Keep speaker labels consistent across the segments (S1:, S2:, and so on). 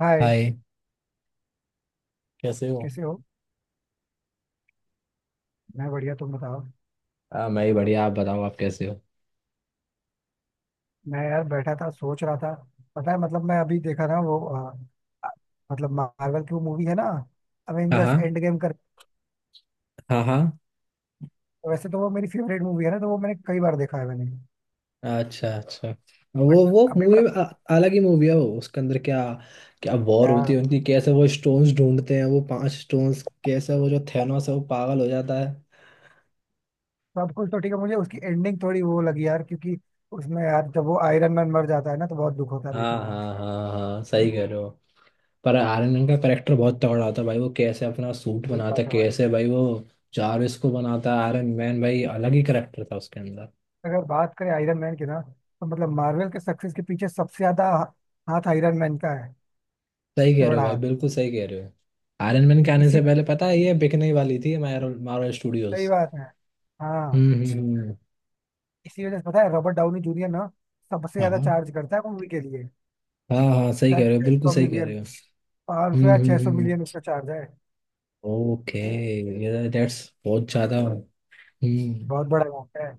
S1: हाय।
S2: Hi. कैसे हो?
S1: कैसे हो? मैं बढ़िया, तुम बताओ।
S2: हाँ मैं ही बढ़िया, आप बताओ, आप कैसे हो?
S1: मैं यार बैठा था, सोच रहा था। पता है, मतलब मैं अभी देखा ना वो अ, मतलब मार्वल की वो मूवी है ना,
S2: हाँ
S1: अवेंजर्स
S2: हाँ।
S1: एंड गेम कर।
S2: हाँ हाँ।
S1: वैसे तो वो मेरी फेवरेट मूवी है ना, तो वो मैंने कई बार देखा है मैंने।
S2: अच्छा अच्छा। वो
S1: बट
S2: वो
S1: अभी
S2: मूवी
S1: मैं,
S2: अलग ही मूवी है वो। उसके अंदर क्या क्या वॉर होती
S1: यार
S2: है उनकी, कैसे वो स्टोन्स ढूंढते हैं वो पांच स्टोन्स, कैसे वो जो थैनोस है वो पागल हो जाता है।
S1: सब कुछ तो ठीक है, मुझे उसकी एंडिंग थोड़ी वो लगी यार, क्योंकि उसमें यार जब वो आयरन मैन मर जाता है ना, तो बहुत दुख होता है
S2: हाँ
S1: लिटरली।
S2: हाँ हाँ हाँ, सही कह रहे हो। पर आर्यन मैन का करेक्टर बहुत तगड़ा होता है भाई। वो कैसे अपना सूट
S1: यही
S2: बनाता
S1: बात
S2: है,
S1: है भाई।
S2: कैसे भाई वो जारविस को बनाता है आयरन मैन, भाई अलग ही करेक्टर था उसके अंदर।
S1: अगर बात करें आयरन मैन की ना, तो मतलब मार्वल के सक्सेस के पीछे सबसे ज्यादा हाथ आयरन मैन का है,
S2: सही
S1: सबसे
S2: कह रहे हो
S1: बड़ा
S2: भाई,
S1: हाथ।
S2: बिल्कुल सही कह रहे हो। आयरन मैन के आने से
S1: इसी
S2: पहले पता है ये बिकने ही वाली थी मार्वल
S1: सही
S2: स्टूडियोज।
S1: बात है। हाँ।
S2: हम्म।
S1: इसी वजह से पता है, रॉबर्ट डाउनी जूनियर ना सबसे ज्यादा
S2: हाँ
S1: चार्ज करता है मूवी के लिए।
S2: हाँ हाँ, सही कह
S1: शायद
S2: रहे हो,
S1: छह
S2: बिल्कुल
S1: सौ
S2: सही कह
S1: मिलियन
S2: रहे हो।
S1: 500 या छह सौ
S2: हम्म।
S1: मिलियन उसका चार्ज है।
S2: ओके। ये दैट्स बहुत ज्यादा। हम्म।
S1: बहुत बड़ा अमाउंट है।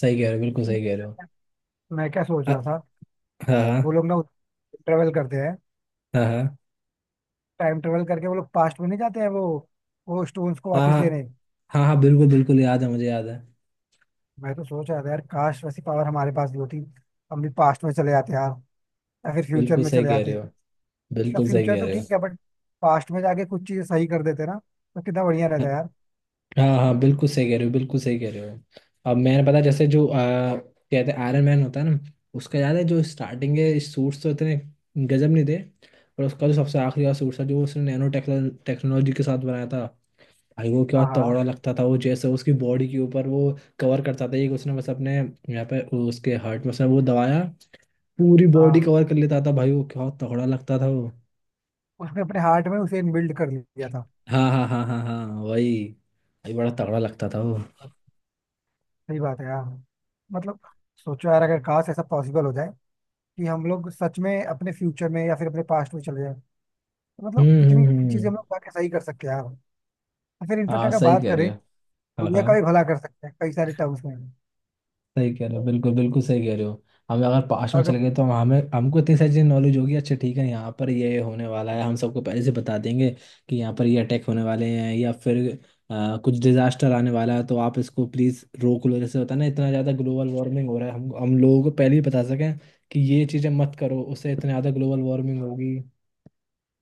S2: सही कह रहे हो, बिल्कुल सही कह रहे हो।
S1: मैं क्या सोच रहा
S2: अ-
S1: था,
S2: हाँ
S1: वो
S2: हाँ
S1: लोग ना ट्रेवल करते हैं,
S2: हाँ। हाँ
S1: टाइम ट्रेवल करके वो लोग पास्ट में नहीं जाते हैं वो स्टोन्स को
S2: हाँ
S1: वापस लेने।
S2: हाँ हाँ, बिल्कुल बिल्कुल याद है, मुझे याद है।
S1: मैं तो सोच रहा था यार, काश वैसी पावर हमारे पास भी होती, हम भी पास्ट में चले जाते यार, या फिर फ्यूचर
S2: बिल्कुल
S1: में
S2: सही
S1: चले
S2: कह रहे
S1: जाते।
S2: हो,
S1: या
S2: बिल्कुल सही
S1: फ्यूचर
S2: कह
S1: तो
S2: रहे हो।
S1: ठीक है, बट पास्ट में जाके कुछ चीजें सही कर देते ना, तो कितना बढ़िया रहता यार।
S2: हाँ हाँ, बिल्कुल सही कह रहे हो, बिल्कुल सही कह रहे हो। अब मैंने पता, जैसे जो कहते हैं आयरन मैन होता है ना, उसका याद है जो स्टार्टिंग के सूट्स तो इतने गजब नहीं थे, पर उसका जो सबसे आखिरी वाला सूट था जो उसने नैनो टेक्नोलॉजी के साथ बनाया था, भाई वो क्या
S1: हाँ,
S2: तगड़ा
S1: हाँ,
S2: लगता था वो। जैसे उसकी बॉडी के ऊपर वो कवर करता था, एक उसने बस अपने यहाँ पे उसके हार्ट में उसने वो दबाया, पूरी बॉडी
S1: हाँ।
S2: कवर कर लेता था भाई। वो क्या तगड़ा लगता था वो।
S1: उसने अपने हार्ट में उसे इनबिल्ड कर लिया था।
S2: हाँ हाँ हाँ हाँ हाँ, वही। भाई बड़ा तगड़ा लगता था वो।
S1: सही बात है यार। मतलब सोचो यार, अगर काश ऐसा पॉसिबल हो जाए कि हम लोग सच में अपने फ्यूचर में या फिर अपने पास्ट में चले जाए, तो मतलब कितनी चीजें
S2: हम्म।
S1: हम लोग जाके सही कर सकते हैं यार। और फिर इनफेक्ट
S2: हाँ
S1: अगर
S2: सही
S1: बात
S2: कह रहे
S1: करें,
S2: हो। हाँ
S1: दुनिया का भी
S2: हाँ,
S1: भला कर सकते हैं कई सारे टर्म्स में।
S2: सही कह रहे हो, बिल्कुल बिल्कुल सही कह रहे हो। हम अगर पास्ट में
S1: अगर
S2: चले गए तो हम हमें हमको इतनी सारी चीज़ नॉलेज होगी, अच्छा ठीक है यहाँ पर ये होने वाला है, हम सबको पहले से बता देंगे कि यहाँ पर ये अटैक होने वाले हैं या फिर कुछ डिजास्टर आने वाला है तो आप इसको प्लीज़ रोक लो। जैसे होता है ना इतना ज़्यादा ग्लोबल वार्मिंग हो रहा है, हम लोगों को पहले ही बता सकें कि ये चीज़ें मत करो, उससे इतना ज़्यादा ग्लोबल वार्मिंग होगी।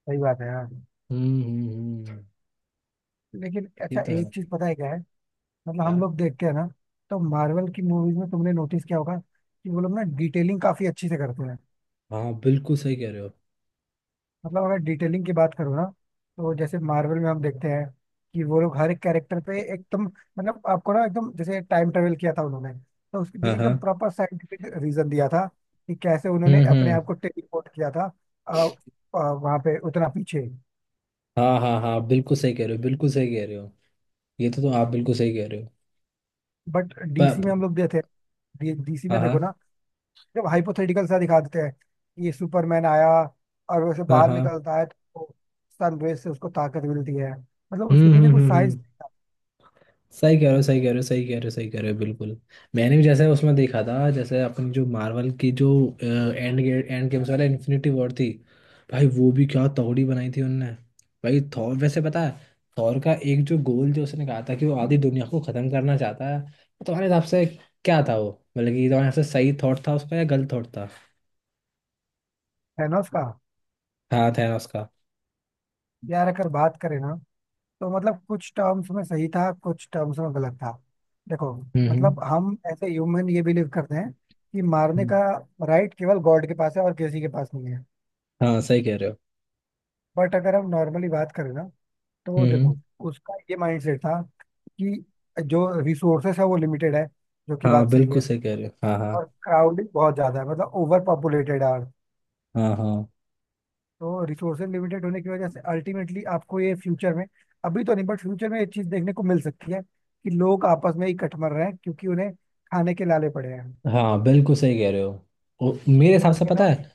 S1: सही बात है यार।
S2: हम्म हम्म हम्म, हम्म।
S1: लेकिन
S2: ये
S1: अच्छा,
S2: तो
S1: एक
S2: है।
S1: चीज पता है क्या है, मतलब हम
S2: क्या?
S1: लोग देखते हैं ना, तो मार्वल की मूवीज में तुमने नोटिस किया होगा कि वो लोग ना डिटेलिंग काफी अच्छी से करते हैं।
S2: हाँ बिल्कुल सही कह रहे हो।
S1: मतलब अगर डिटेलिंग की बात करूँ ना, तो जैसे मार्वल में हम देखते हैं कि वो लोग हर एक कैरेक्टर पे एकदम मतलब आपको ना एकदम जैसे टाइम ट्रेवल किया था उन्होंने, तो उसके
S2: हाँ
S1: पीछे एकदम
S2: हाँ।
S1: प्रॉपर साइंटिफिक रीजन दिया था कि कैसे उन्होंने अपने
S2: हम्म।
S1: आप को टेलीपोर्ट किया था। आ, आ, वहां पे उतना पीछे।
S2: हाँ हाँ हाँ, बिल्कुल सही कह रहे हो, बिल्कुल सही कह रहे हो। ये तो आप बिल्कुल सही कह रहे हो।
S1: बट
S2: पर
S1: डीसी में हम लोग देते हैं, डीसी
S2: हाँ
S1: में देखो
S2: हाँ।
S1: ना, जब हाइपोथेटिकल सा दिखा देते हैं कि ये सुपरमैन आया और वैसे
S2: हाँ
S1: बाहर
S2: हाँ।
S1: निकलता है, तो सनरेज से उसको ताकत मिलती है, मतलब उसके
S2: हम्म
S1: पीछे
S2: हम्म
S1: कुछ
S2: हम्म
S1: साइंस
S2: हम्म। सही कह रहे हो सही कह रहे हो सही कह रहे हो सही कह रहे हो, बिल्कुल। मैंने भी जैसे उसमें देखा था, जैसे अपनी जो मार्वल की जो एंड गेट एंड गेम्स वाला इन्फिनिटी वॉर थी, भाई वो भी क्या तगड़ी बनाई थी उनने। भाई थॉर, वैसे पता है, थॉर का एक जो गोल जो उसने कहा था कि वो आधी दुनिया को खत्म करना चाहता है, तो तुम्हारे हिसाब से क्या था वो? मतलब कि तुम्हारे हिसाब से सही थॉट था उसका या गलत थॉट था?
S1: है ना उसका।
S2: हाँ थैनोस का।
S1: यार अगर बात करें ना, तो मतलब कुछ टर्म्स में सही था, कुछ टर्म्स में गलत था। देखो,
S2: हम्म हम्म
S1: मतलब हम ऐसे ह्यूमन ये बिलीव करते हैं कि मारने
S2: हम्म।
S1: का राइट केवल गॉड के पास है, और किसी के पास नहीं है।
S2: हाँ सही कह रहे हो।
S1: बट अगर हम नॉर्मली बात करें ना, तो
S2: हम्म हम्म।
S1: देखो, उसका ये माइंडसेट था कि जो रिसोर्सेस है वो लिमिटेड है, जो कि
S2: हाँ
S1: बात सही
S2: बिल्कुल
S1: है।
S2: सही कह रहे हो, हाँ हाँ
S1: और क्राउडेड बहुत ज्यादा है, मतलब ओवर पॉपुलेटेड है।
S2: हाँ। हाँ
S1: तो रिसोर्सेज लिमिटेड होने की वजह से अल्टीमेटली आपको ये फ्यूचर में, अभी तो नहीं बट फ्यूचर में ये चीज देखने को मिल सकती है कि लोग आपस में ही कटमर रहे हैं, क्योंकि उन्हें खाने के लाले पड़े हैं।
S2: हाँ, बिल्कुल सही कह रहे हो। और मेरे
S1: तो
S2: हिसाब से पता
S1: थेनो
S2: है,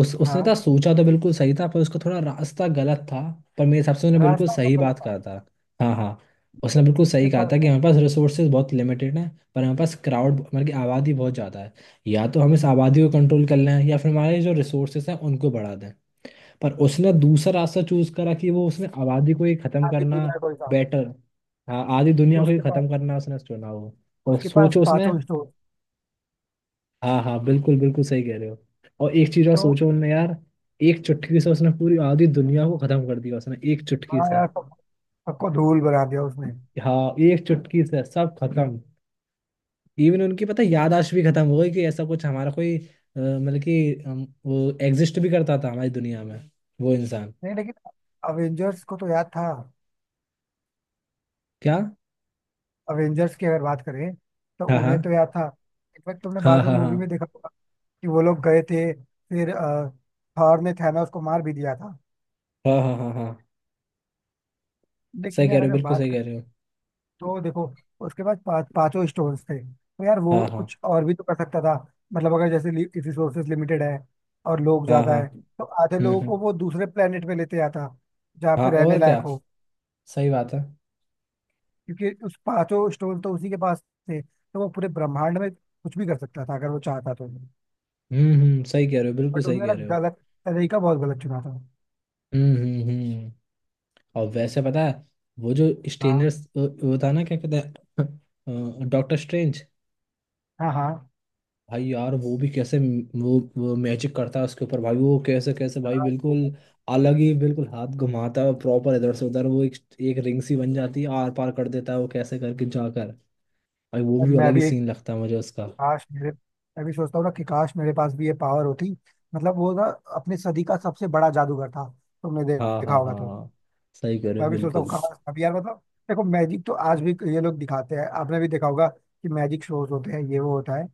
S2: उस उसने था
S1: हाँ,
S2: सोचा तो बिल्कुल सही था, पर उसका थोड़ा रास्ता गलत था। पर मेरे हिसाब से उसने बिल्कुल
S1: रास्ता उसका
S2: सही
S1: गलत
S2: बात
S1: था।
S2: कहा था। हाँ हाँ। उसने
S1: तो
S2: बिल्कुल सही कहा था कि हमारे पास रिसोर्सेज बहुत लिमिटेड हैं, पर हमारे पास क्राउड मतलब कि आबादी बहुत ज़्यादा है। या तो हम इस
S1: हम,
S2: आबादी को कंट्रोल कर लें या फिर हमारे जो रिसोर्सेज हैं उनको बढ़ा दें। पर उसने दूसरा रास्ता चूज करा, कि वो उसने आबादी को ही खत्म
S1: आधी
S2: करना
S1: दुनिया का कोई था।
S2: बेटर। हाँ, आधी दुनिया को ही
S1: उसके पास,
S2: खत्म करना उसने चुना वो। और
S1: उसके पास
S2: सोचो उसने,
S1: पांचों स्टोर
S2: हाँ हाँ, बिल्कुल बिल्कुल सही कह रहे हो। और एक चीज और
S1: तो।
S2: सोचो उनने यार, एक चुटकी से उसने पूरी आधी दुनिया को खत्म कर दिया उसने, एक चुटकी
S1: हाँ
S2: से।
S1: यार, सबको धूल बना दिया उसने।
S2: हाँ एक चुटकी से सब खत्म। इवन उनकी पता है याददाश्त भी खत्म हो गई कि ऐसा कुछ हमारा कोई मतलब कि हम, वो एग्जिस्ट भी करता था हमारी दुनिया में, वो इंसान।
S1: नहीं, लेकिन अवेंजर्स को तो याद था।
S2: क्या?
S1: अवेंजर्स की अगर बात करें, तो
S2: हाँ
S1: उन्हें तो
S2: हाँ
S1: याद था। इनफैक्ट तुमने
S2: हाँ
S1: बाद में
S2: हाँ
S1: मूवी में
S2: हाँ
S1: देखा कि वो लोग गए थे, फिर थॉर ने थैनोस को मार भी दिया था।
S2: हाँ हाँ हाँ हाँ हाँ, सही
S1: लेकिन
S2: कह
S1: यार
S2: रहे हो,
S1: अगर
S2: बिल्कुल
S1: बात
S2: सही
S1: करें,
S2: कह रहे हो।
S1: तो देखो, उसके पास पांचों स्टोन्स थे, तो यार वो
S2: हाँ हाँ
S1: कुछ और भी तो कर सकता था। मतलब अगर जैसे रिसोर्सेज लिमिटेड है और लोग
S2: हाँ
S1: ज्यादा
S2: हाँ।
S1: है, तो आधे लोगों
S2: हम्म।
S1: को वो दूसरे प्लेनेट पे लेते आता, जहाँ
S2: हाँ
S1: पे रहने
S2: और
S1: लायक
S2: क्या,
S1: हो।
S2: सही बात है।
S1: क्योंकि उस पांचों स्टोन तो उसी के पास थे, तो वो पूरे ब्रह्मांड में कुछ भी कर सकता था, अगर वो चाहता तो।
S2: हम्म। सही कह रहे हो, बिल्कुल
S1: बट
S2: सही
S1: उसने
S2: कह
S1: ना
S2: रहे हो।
S1: गलत तरीका, बहुत गलत चुना था।
S2: हम्म। और वैसे पता है, वो जो
S1: हाँ।
S2: स्ट्रेंजर्स वो था ना, क्या कहते हैं, डॉक्टर स्ट्रेंज।
S1: हाँ, हाँ,
S2: भाई यार वो भी कैसे वो मैजिक करता है उसके ऊपर भाई, वो कैसे कैसे भाई,
S1: हाँ।
S2: बिल्कुल अलग ही, बिल्कुल हाथ घुमाता है प्रॉपर इधर से उधर, वो एक, एक रिंग सी बन जाती है, आर पार कर देता है वो, कैसे करके जाकर। भाई वो भी अलग
S1: मैं
S2: ही
S1: भी,
S2: सीन लगता है मुझे उसका।
S1: काश मेरे मैं भी सोचता हूँ ना कि काश मेरे पास भी ये पावर होती। मतलब वो ना अपनी सदी का सबसे बड़ा जादूगर था, तुमने
S2: हाँ
S1: देखा
S2: हाँ हाँ
S1: होगा तो।
S2: हाँ। सही कह रहे
S1: मैं
S2: हो,
S1: भी सोचता हूँ
S2: बिल्कुल।
S1: काश अभी यार, मतलब देखो मैजिक तो आज भी ये लोग दिखाते हैं, आपने भी देखा होगा कि मैजिक शोज होते हैं, ये वो होता है,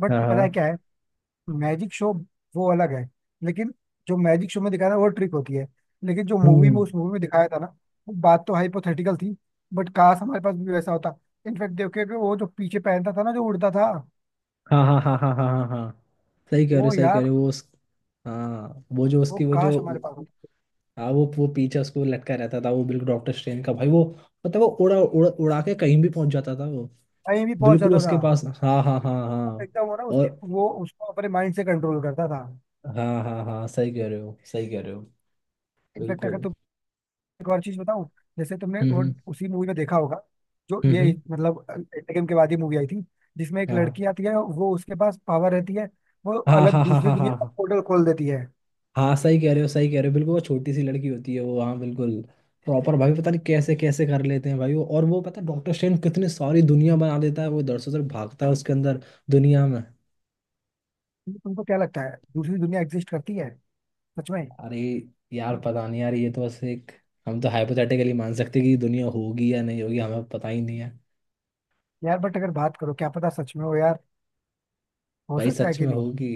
S1: बट
S2: हाँ
S1: पता है
S2: हाँ।
S1: क्या है, मैजिक शो वो अलग है। लेकिन जो मैजिक शो में दिखाया था वो ट्रिक होती है, लेकिन जो मूवी
S2: हम्म।
S1: में, उस मूवी में दिखाया था ना, वो बात तो हाइपोथेटिकल थी, बट काश हमारे पास भी वैसा होता। इनफैक्ट देखो कि वो जो पीछे पहनता था ना, जो उड़ता था,
S2: हाँ हाँ हाँ हाँ हाँ हाँ हाँ, सही कह रहे हो
S1: वो
S2: सही कह रहे
S1: यार,
S2: हो वो उस, हाँ वो जो
S1: वो
S2: उसकी वो जो,
S1: काश हमारे पास होता।
S2: हाँ वो पीछे उसको लटका रहता था वो, बिल्कुल डॉक्टर स्ट्रेन का भाई वो, मतलब वो उड़ा उड़ा उड़ा के कहीं भी पहुंच जाता था वो,
S1: टाइम भी बहुत
S2: बिल्कुल
S1: ज्यादा था।
S2: उसके पास। हाँ हाँ हाँ
S1: आप
S2: हाँ।
S1: एकदम वो ना,
S2: और
S1: उसके वो उसको अपने माइंड से कंट्रोल करता था।
S2: हाँ हाँ हाँ, सही कह रहे हो, सही कह रहे हो,
S1: इनफेक्ट अगर
S2: बिल्कुल।
S1: तुम, एक और चीज बताऊं, जैसे तुमने
S2: हम्म
S1: वो
S2: हम्म
S1: उसी मूवी में देखा होगा, जो
S2: हम्म,
S1: ये
S2: हम्म।
S1: मतलब एंडगेम के बाद ही मूवी आई थी, जिसमें एक लड़की
S2: हाँ
S1: आती है, वो उसके पास पावर रहती है, वो
S2: हाँ
S1: अलग
S2: हाँ हाँ
S1: दूसरी
S2: हाँ
S1: दुनिया
S2: हाँ
S1: का
S2: हाँ
S1: पोर्टल खोल देती है।
S2: हाँ, सही कह रहे हो सही कह रहे हो, बिल्कुल, वो छोटी सी लड़की होती है वो, हाँ बिल्कुल प्रॉपर, भाई पता नहीं कैसे कैसे कर लेते हैं भाई वो। और वो पता डॉक्टर स्ट्रेंज कितनी सारी दुनिया बना देता है वो, इधर से उधर भागता है उसके अंदर दुनिया में।
S1: तो तुमको क्या लगता है, दूसरी दुनिया एग्जिस्ट करती है सच में?
S2: अरे यार पता नहीं यार, ये तो बस एक, हम तो हाइपोथेटिकली मान सकते हैं कि दुनिया होगी या नहीं होगी हमें पता ही नहीं है।
S1: यार, बट अगर बात करो, क्या पता सच में हो यार, हो
S2: भाई
S1: सकता है
S2: सच
S1: कि
S2: में
S1: नहीं।
S2: होगी,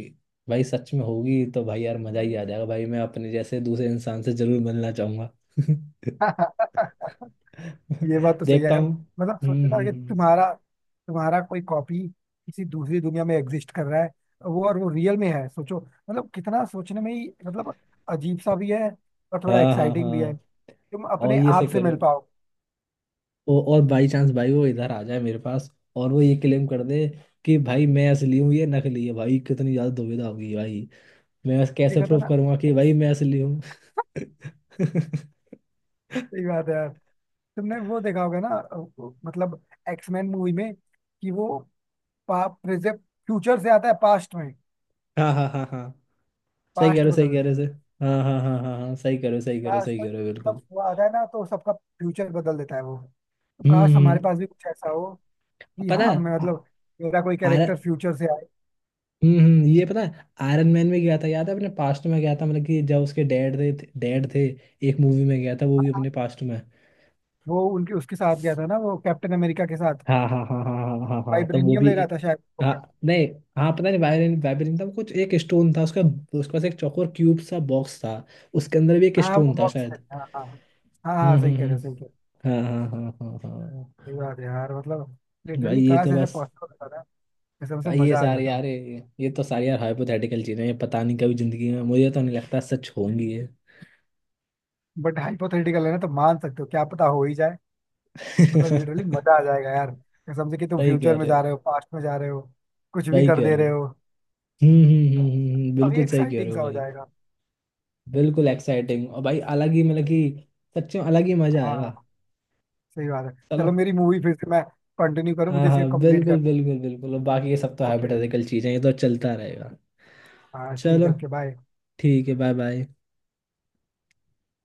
S2: भाई सच में होगी तो भाई यार मजा ही आ जाएगा। भाई मैं अपने जैसे दूसरे इंसान से जरूर मिलना चाहूंगा।
S1: ये बात तो सही है
S2: देखता
S1: यार।
S2: हूँ।
S1: मतलब सोचो
S2: हम्म
S1: ना
S2: हम्म,
S1: कि
S2: हम्म।
S1: तुम्हारा, कोई कॉपी किसी दूसरी दुनिया में एग्जिस्ट कर रहा है, वो, और वो रियल में है, सोचो। मतलब कितना सोचने में ही मतलब अजीब सा भी है, और थोड़ा
S2: हाँ हाँ
S1: एक्साइटिंग भी है।
S2: हाँ।
S1: तुम
S2: और
S1: अपने
S2: ये से
S1: आप से
S2: करो,
S1: मिल पाओ।
S2: और बाई चांस भाई वो इधर आ जाए मेरे पास, और वो ये क्लेम कर दे कि भाई मैं असली हूँ ये नकली है, भाई कितनी ज्यादा दुविधा होगी भाई। मैं बस कैसे
S1: देखा था
S2: प्रूव
S1: ना।
S2: करूंगा कि भाई मैं असली हूँ।
S1: सही बात है यार। तुमने वो देखा होगा ना वो, मतलब एक्समैन मूवी में कि वो फ्यूचर से आता है पास्ट में,
S2: हाँ हाँ हाँ हाँ, सही कह रहे
S1: पास्ट
S2: हो सही कह
S1: बदलने।
S2: रहे हो सही। हाँ हाँ हाँ हाँ हाँ, सही कह रहे हो सही कह रहे हो
S1: काश
S2: सही
S1: कोई,
S2: कह रहे हो,
S1: मतलब
S2: बिल्कुल।
S1: वो आता है ना, तो सबका फ्यूचर बदल देता है वो, तो
S2: हम्म
S1: काश हमारे
S2: हम्म।
S1: पास भी कुछ ऐसा हो कि
S2: पता
S1: हाँ
S2: है
S1: मैं, मतलब मेरा कोई
S2: आर,
S1: कैरेक्टर फ्यूचर से आए।
S2: ये पता है आयरन मैन में गया था याद है अपने पास्ट में गया था, मतलब कि जब उसके डैड थे, एक मूवी में गया था वो भी
S1: हाँ,
S2: अपने पास्ट में।
S1: वो उनके, उसके साथ गया था ना, वो कैप्टन अमेरिका के साथ।
S2: हाँ हाँ हाँ हाँ हाँ हाँ हाँ हाँ, तो वो
S1: वाइब्रेनियम
S2: भी।
S1: ले रहा था शायद, वो
S2: हाँ।
S1: क्या?
S2: नहीं। हाँ पता नहीं, वायरिन वायरिन था वो, कुछ एक स्टोन था उसका। उसके पास एक चौकोर क्यूब सा बॉक्स था, उसके अंदर भी एक
S1: हाँ, वो
S2: स्टोन था
S1: बॉक्स
S2: शायद।
S1: है, हाँ, हाँ। हाँ, हाँ, हाँ, सही कह रहे
S2: हम्म।
S1: हो सही कह रहे हो।
S2: हाँ हाँ हाँ हाँ हाँ हाँ।
S1: सही बात है यार, मतलब
S2: भाई
S1: लिटरली
S2: ये
S1: काश
S2: तो
S1: ऐसे
S2: बस,
S1: पॉसिबल होता ना, ऐसे मुझे
S2: भाई ये
S1: मजा आ
S2: सारी
S1: जाता।
S2: यार ये तो सारी यार हाइपोथेटिकल चीजें हैं, पता नहीं कभी जिंदगी में, मुझे तो नहीं लगता सच होंगी ये।
S1: बट हाइपोथेटिकल है ना, तो मान सकते हो, क्या पता हो ही जाए। मतलब
S2: सही
S1: लिटरली मजा आ जाएगा यार, कसम से, कि तुम
S2: कह
S1: फ्यूचर में
S2: रहे
S1: जा
S2: हो,
S1: रहे हो, पास्ट में जा रहे हो, कुछ भी
S2: सही
S1: कर
S2: कह
S1: दे
S2: रहे हो।
S1: रहे हो, अभी
S2: बिल्कुल सही कह रहे
S1: एक्साइटिंग
S2: हो
S1: सा हो
S2: भाई।
S1: जाएगा।
S2: बिल्कुल
S1: चल,
S2: एक्साइटिंग, और भाई अलग ही, मतलब
S1: चल,
S2: कि सच में अलग ही मजा
S1: हाँ,
S2: आएगा।
S1: हाँ, सही बात है।
S2: चलो।
S1: चलो, मेरी मूवी फिर से मैं कंटिन्यू करूँ,
S2: हाँ
S1: मुझे इसे
S2: हाँ
S1: कंप्लीट
S2: बिल्कुल
S1: कर।
S2: बिल्कुल बिल्कुल, और बाकी ये सब तो
S1: ओके,
S2: हाइपोथेटिकल चीजें हैं, ये तो चलता रहेगा।
S1: हाँ ठीक
S2: चलो,
S1: है, ओके बाय।
S2: ठीक है, बाय बाय।